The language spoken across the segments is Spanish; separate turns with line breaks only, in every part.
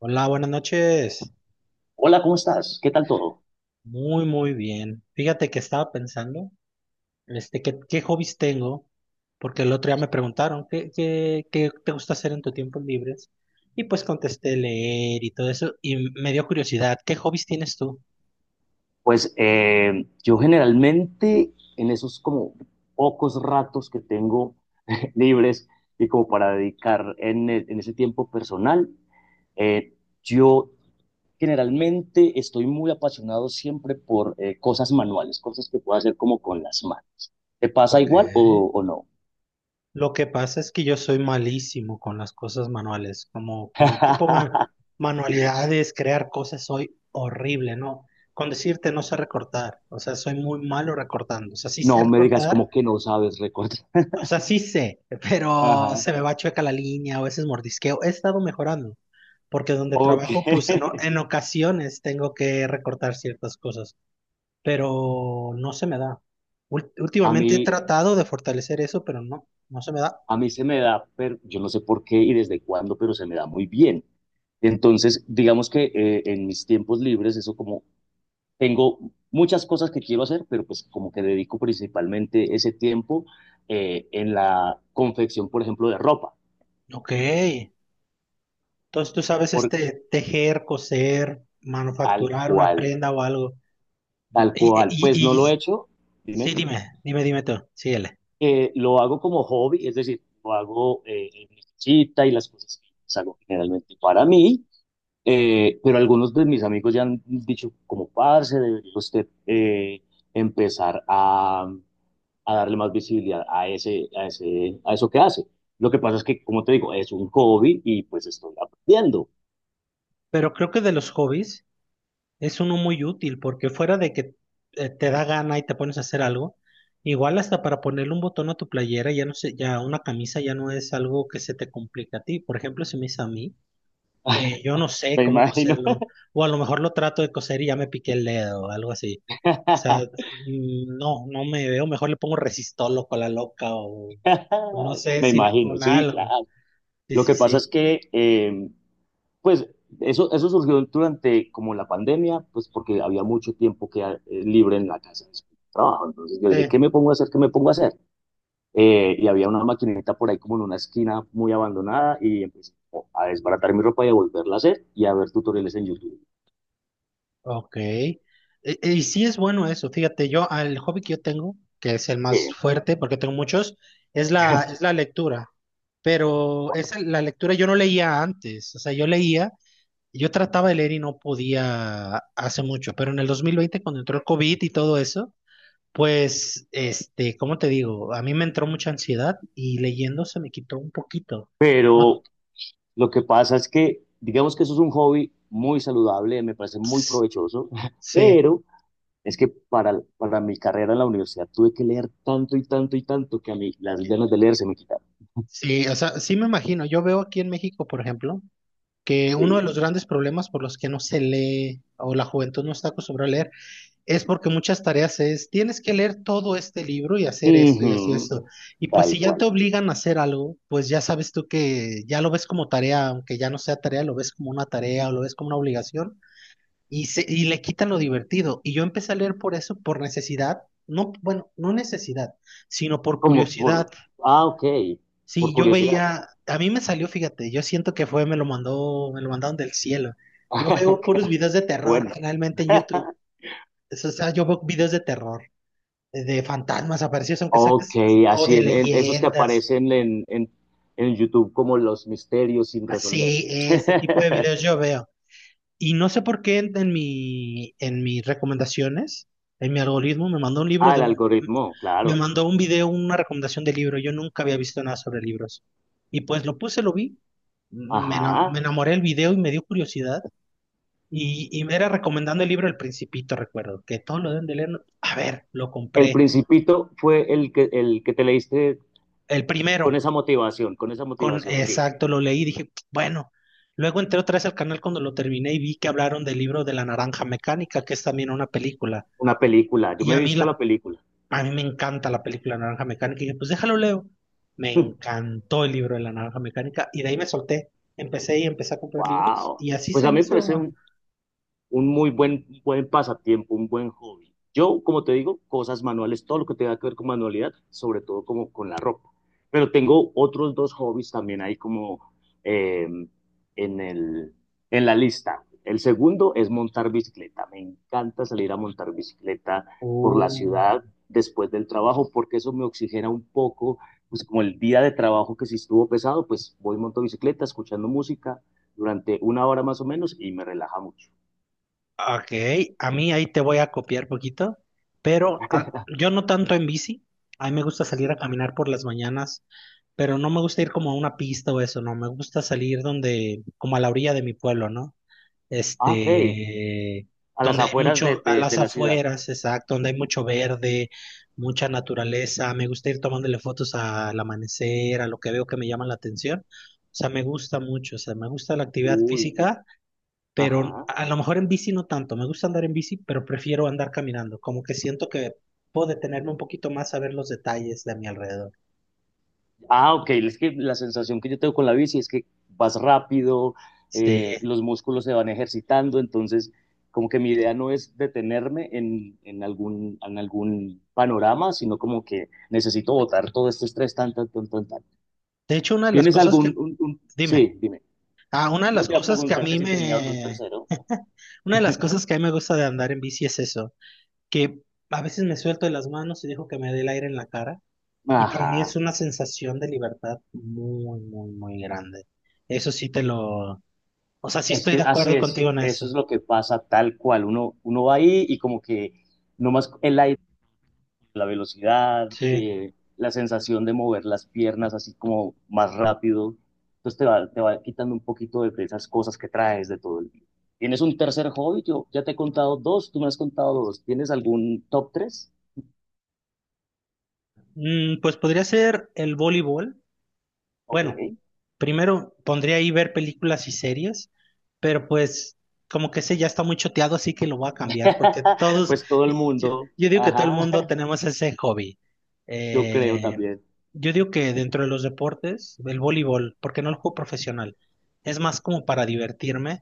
Hola, buenas noches.
Hola, ¿cómo estás? ¿Qué tal todo?
Muy, muy bien. Fíjate que estaba pensando, qué hobbies tengo, porque el otro día me preguntaron, qué te gusta hacer en tu tiempo libre? Y pues contesté leer y todo eso, y me dio curiosidad, ¿qué hobbies tienes tú?
Pues yo generalmente en esos como pocos ratos que tengo libres y como para dedicar en ese tiempo personal, eh, yo generalmente estoy muy apasionado siempre por cosas manuales, cosas que puedo hacer como con las manos. ¿Te pasa
Ok.
igual o no?
Lo que pasa es que yo soy malísimo con las cosas manuales, como con tipo manualidades, crear cosas, soy horrible, ¿no? Con decirte no sé recortar, o sea, soy muy malo recortando, o sea, sí sé
No me digas
recortar.
como que no sabes recortar.
O sea, sí sé, pero
Ajá.
se me va chueca la línea, a veces mordisqueo. He estado mejorando, porque donde
Ok.
trabajo, pues en ocasiones tengo que recortar ciertas cosas, pero no se me da.
A
Últimamente he
mí,
tratado de fortalecer eso, pero no, no se me da.
a mí se me da, pero yo no sé por qué y desde cuándo, pero se me da muy bien. Entonces, digamos que en mis tiempos libres, eso como tengo muchas cosas que quiero hacer, pero pues como que dedico principalmente ese tiempo en la confección, por ejemplo, de ropa,
Ok, entonces tú sabes
por
este tejer, coser,
tal
manufacturar una
cual,
prenda o algo. Y,
tal cual. Pues no
y,
lo he
y-
hecho,
sí,
dime,
dime, dime, dime tú, síguele.
lo hago como hobby, es decir, lo hago en mi cita y las cosas que hago generalmente para mí. Pero algunos de mis amigos ya han dicho, como parce, debería usted empezar a darle más visibilidad a eso que hace. Lo que pasa es que, como te digo, es un hobby y pues estoy aprendiendo.
Pero creo que de los hobbies es uno muy útil, porque fuera de que te da gana y te pones a hacer algo, igual hasta para ponerle un botón a tu playera, ya no sé, ya una camisa ya no es algo que se te complica a ti. Por ejemplo, si me hizo a mí, yo no sé
Me
cómo
imagino.
coserlo, o a lo mejor lo trato de coser y ya me piqué el dedo o algo así. O sea, no, no me veo, mejor le pongo resistol o la loca o no sé,
Me imagino,
silicona,
sí,
algo.
claro.
Sí,
Lo
sí,
que pasa es
sí.
que, pues, eso surgió durante como la pandemia, pues porque había mucho tiempo que, libre en la casa después del trabajo. Entonces yo dije,
Sí.
¿qué me pongo a hacer? ¿Qué me pongo a hacer? Eh, y había una maquinita por ahí como en una esquina muy abandonada y empecé a desbaratar mi ropa y a volverla a hacer y a ver tutoriales en YouTube.
Ok. Y, sí, es bueno eso. Fíjate, yo, el hobby que yo tengo, que es el
Sí,
más fuerte, porque tengo muchos, es la lectura. Pero esa, la lectura, yo no leía antes. O sea, yo leía, yo trataba de leer y no podía hace mucho. Pero en el 2020, cuando entró el COVID y todo eso, pues, ¿cómo te digo? A mí me entró mucha ansiedad y leyendo se me quitó un poquito. No,
pero lo que pasa es que, digamos que eso es un hobby muy saludable, me parece muy provechoso,
sí.
pero es que para mi carrera en la universidad tuve que leer tanto y tanto y tanto que a mí las ganas de leer se me quitaron.
Sí, o sea, sí me imagino. Yo veo aquí en México, por ejemplo, que uno de
Sí.
los grandes problemas por los que no se lee o la juventud no está acostumbrada a leer, es porque muchas tareas es, tienes que leer todo este libro y hacer esto y esto y
Ujú.
esto. Y pues
Tal
si ya te
cual.
obligan a hacer algo, pues ya sabes tú que ya lo ves como tarea, aunque ya no sea tarea, lo ves como una tarea o lo ves como una obligación y, y le quitan lo divertido. Y yo empecé a leer por eso, por necesidad. No, bueno, no necesidad, sino por
Como
curiosidad.
por, ah, ok, por
Sí, yo
curiosidad.
veía, a mí me salió, fíjate, yo siento que fue, me lo mandó, me lo mandaron del cielo. Yo veo
Qué
puros videos de terror,
bueno.
generalmente en YouTube. O sea, yo veo videos de terror, de fantasmas aparecidos, aunque
Ok,
saques, o
así
de
en esos que
leyendas,
aparecen en YouTube como los misterios sin resolver.
así, ese tipo de videos yo veo. Y no sé por qué en mi, en mis recomendaciones, en mi algoritmo, me mandó un libro
Ah,
de
el
un,
algoritmo,
me
claro.
mandó un video, una recomendación de libro. Yo nunca había visto nada sobre libros. Y pues lo puse, lo vi. Me, me
Ajá.
enamoré del video y me dio curiosidad. Y me era recomendando el libro El Principito, recuerdo, que todos lo deben de leer. ¿No? A ver, lo
El
compré.
Principito fue el que te leíste
El primero,
con esa
con
motivación, sí.
exacto, lo leí y dije, bueno. Luego entré otra vez al canal cuando lo terminé y vi que hablaron del libro de La Naranja Mecánica, que es también una película.
Una película. Yo
Y
me he
a mí,
visto la película.
a mí me encanta la película Naranja Mecánica. Y dije, pues déjalo leo. Me encantó el libro de La Naranja Mecánica y de ahí me solté. Empecé y empecé a comprar libros
Wow.
y así
Pues
se
a
me
mí me
hizo.
parece un muy buen, buen pasatiempo, un buen hobby. Yo, como te digo, cosas manuales, todo lo que tenga que ver con manualidad, sobre todo como con la ropa. Pero tengo otros dos hobbies también ahí como eh, en el, en la lista. El segundo es montar bicicleta. Me encanta salir a montar bicicleta por la
Oh.
ciudad después del trabajo porque eso me oxigena un poco, pues como el día de trabajo que si estuvo pesado, pues voy y monto bicicleta escuchando música durante una hora más o menos y me relaja mucho.
Ok, a mí ahí te voy a copiar poquito, pero yo no tanto en bici, a mí me gusta salir
Sí.
a caminar por las mañanas, pero no me gusta ir como a una pista o eso, no, me gusta salir donde, como a la orilla de mi pueblo, ¿no?
Ah, ok.
Este,
A las
donde hay
afueras de,
mucho, a
de,
las
de la ciudad.
afueras, exacto, donde hay mucho verde, mucha naturaleza, me gusta ir tomándole fotos al amanecer, a lo que veo que me llama la atención, o sea, me gusta mucho, o sea, me gusta la actividad
Uy,
física, pero
ajá.
a lo mejor en bici no tanto. Me gusta andar en bici, pero prefiero andar caminando. Como que siento que puedo detenerme un poquito más a ver los detalles de mi alrededor.
Ah, ok. Es que la sensación que yo tengo con la bici es que vas rápido,
Sí.
los músculos se van ejercitando, entonces como que mi idea no es detenerme en algún panorama, sino como que necesito botar todo este estrés, tan, tan, tan, tan, tan.
De hecho, una de las
¿Tienes
cosas
algún,
que,
un-
dime,
Sí, dime.
una de
No
las
te iba a
cosas que a
preguntar que
mí
si tenía otro
me,
tercero.
una de las cosas que a mí me gusta de andar en bici es eso, que a veces me suelto de las manos y dejo que me dé el aire en la cara. Y para mí
Ajá.
es una sensación de libertad muy, muy, muy grande. Eso sí te lo, o sea, sí
Es
estoy
que
de
así
acuerdo
es,
contigo en
eso es
eso.
lo que pasa tal cual. Uno va ahí y como que nomás el aire, la velocidad,
Sí.
la sensación de mover las piernas así como más rápido. Entonces te va quitando un poquito de esas cosas que traes de todo el día. ¿Tienes un tercer hobby? Yo ya te he contado dos, tú me has contado dos. ¿Tienes algún top tres?
Pues podría ser el voleibol.
Ok.
Bueno, primero pondría ahí ver películas y series, pero pues como que ese ya está muy choteado, así que lo voy a cambiar, porque todos,
Pues todo el
yo,
mundo,
yo digo que todo el
ajá,
mundo tenemos ese hobby.
yo creo
Eh,
también.
yo digo que dentro de los deportes, el voleibol, porque no lo juego profesional, es más como para divertirme.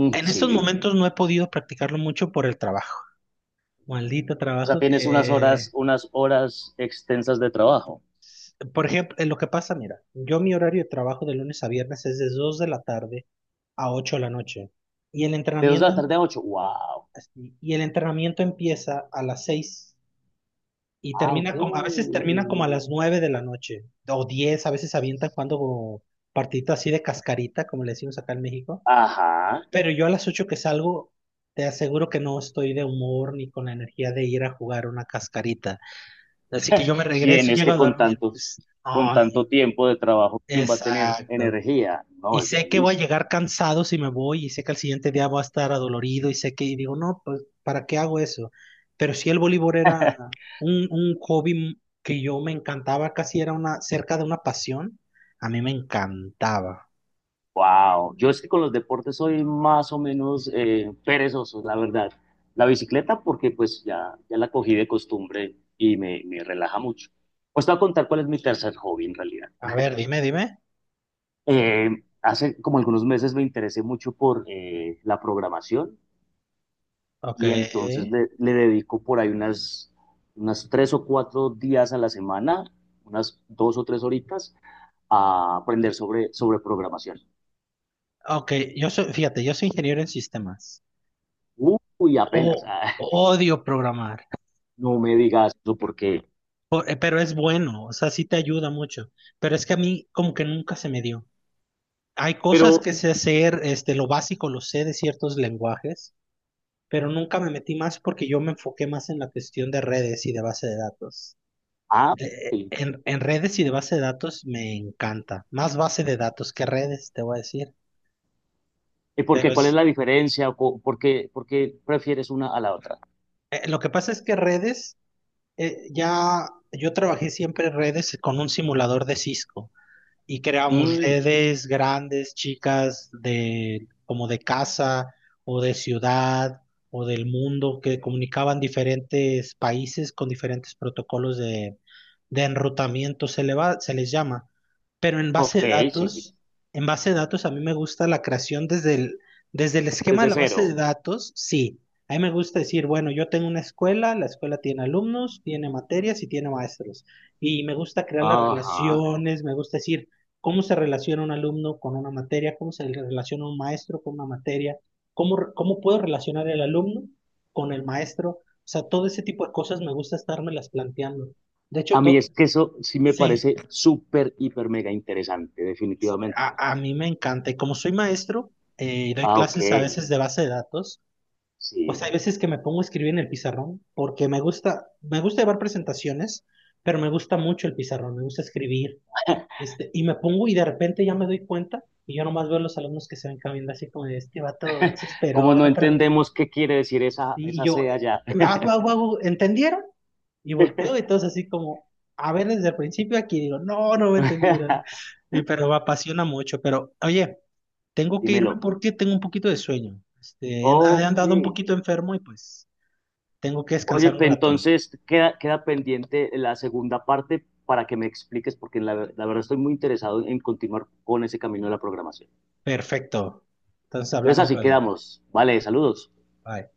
Mm,
En estos
sí.
momentos no he podido practicarlo mucho por el trabajo. Maldito
O sea,
trabajo
tienes
que.
unas horas extensas de trabajo.
Por ejemplo, lo que pasa, mira, yo mi horario de trabajo de lunes a viernes es de 2 de la tarde a 8 de la noche, y el
De 2 de
entrenamiento,
la tarde a ocho. Wow.
así, y el entrenamiento empieza a las 6 y
Ah, ok.
termina como, a veces termina como a las 9 de la noche o 10, a veces avientan cuando partidito así de cascarita, como le decimos acá en México,
Ajá.
pero yo a las 8 que salgo, te aseguro que no estoy de humor ni con la energía de ir a jugar una cascarita. Así que yo me
¿Quién
regreso,
es
llego
que
a
con
dormir,
tanto,
pues,
¿con
no, no,
tanto tiempo de trabajo, quién va a tener
exacto.
energía? No,
Y
es
sé que voy a
difícil.
llegar cansado si me voy, y sé que al siguiente día voy a estar adolorido, y sé que, y digo, no, pues, ¿para qué hago eso? Pero sí, el voleibol era un hobby que yo me encantaba, casi era una, cerca de una pasión, a mí me encantaba.
Wow. Yo es que con los deportes soy más o menos perezoso, la verdad. La bicicleta porque pues ya la cogí de costumbre y me relaja mucho. Pues te voy a contar cuál es mi tercer hobby en realidad.
A ver, dime, dime.
Eh, hace como algunos meses me interesé mucho por la programación
Ok,
y entonces le dedico por ahí unas, unas tres o cuatro días a la semana, unas dos o tres horitas, a aprender sobre programación.
ok, yo soy, fíjate, yo soy ingeniero en sistemas.
Uy, apenas,
O,
ah,
odio programar,
no me digas eso porque,
pero es bueno, o sea, sí te ayuda mucho, pero es que a mí como que nunca se me dio. Hay cosas
pero,
que sé hacer, lo básico lo sé de ciertos lenguajes, pero nunca me metí más porque yo me enfoqué más en la cuestión de redes y de base de datos.
ah, sí.
En redes y de base de datos me encanta. Más base de datos que redes, te voy a decir.
¿Y por
Pero
qué? ¿Cuál es
es,
la diferencia? ¿O ¿por qué, por qué prefieres una a la otra?
lo que pasa es que redes, ya yo trabajé siempre en redes con un simulador de Cisco. Y creamos
Mm,
redes grandes, chicas, de, como de casa o de ciudad o del mundo, que comunicaban diferentes países con diferentes protocolos de enrutamiento, se le va, se les llama. Pero en
ok,
base de
sí, sí, sí.
datos, en base de datos a mí me gusta la creación desde el esquema de
Desde
la base de
cero.
datos, sí. A mí me gusta decir, bueno, yo tengo una escuela, la escuela tiene alumnos, tiene materias y tiene maestros. Y me gusta crear las
Ajá.
relaciones, me gusta decir, cómo se relaciona un alumno con una materia, cómo se relaciona un maestro con una materia, cómo puedo relacionar el alumno con el maestro. O sea, todo ese tipo de cosas me gusta estármelas planteando. De hecho,
A mí es que eso sí me
sí,
parece súper, hiper, mega interesante, definitivamente.
a mí me encanta. Y como soy maestro y doy
Ah, ok,
clases a veces de base de datos, pues
sí.
hay veces que me pongo a escribir en el pizarrón porque me gusta llevar presentaciones, pero me gusta mucho el pizarrón, me gusta escribir. Y me pongo y de repente ya me doy cuenta y yo nomás veo a los alumnos que se ven caminando así como de este vato no se
Como
esperó,
no
no preguntó.
entendemos qué quiere decir esa,
Y
esa
yo,
C allá.
hago, ¿entendieron? Y volteo y todos así como, a ver desde el principio, aquí digo, no, no me entendieron. Y, pero me apasiona mucho. Pero oye, tengo que irme
Dímelo.
porque tengo un poquito de sueño. He
Ok.
andado un poquito enfermo y pues tengo que
Oye,
descansar un
pe-
rato.
entonces queda, queda pendiente la segunda parte para que me expliques, porque la, ver- la verdad estoy muy interesado en continuar con ese camino de la programación.
Perfecto. Entonces
Entonces
hablamos
así
luego.
quedamos. Vale, saludos.
Bye.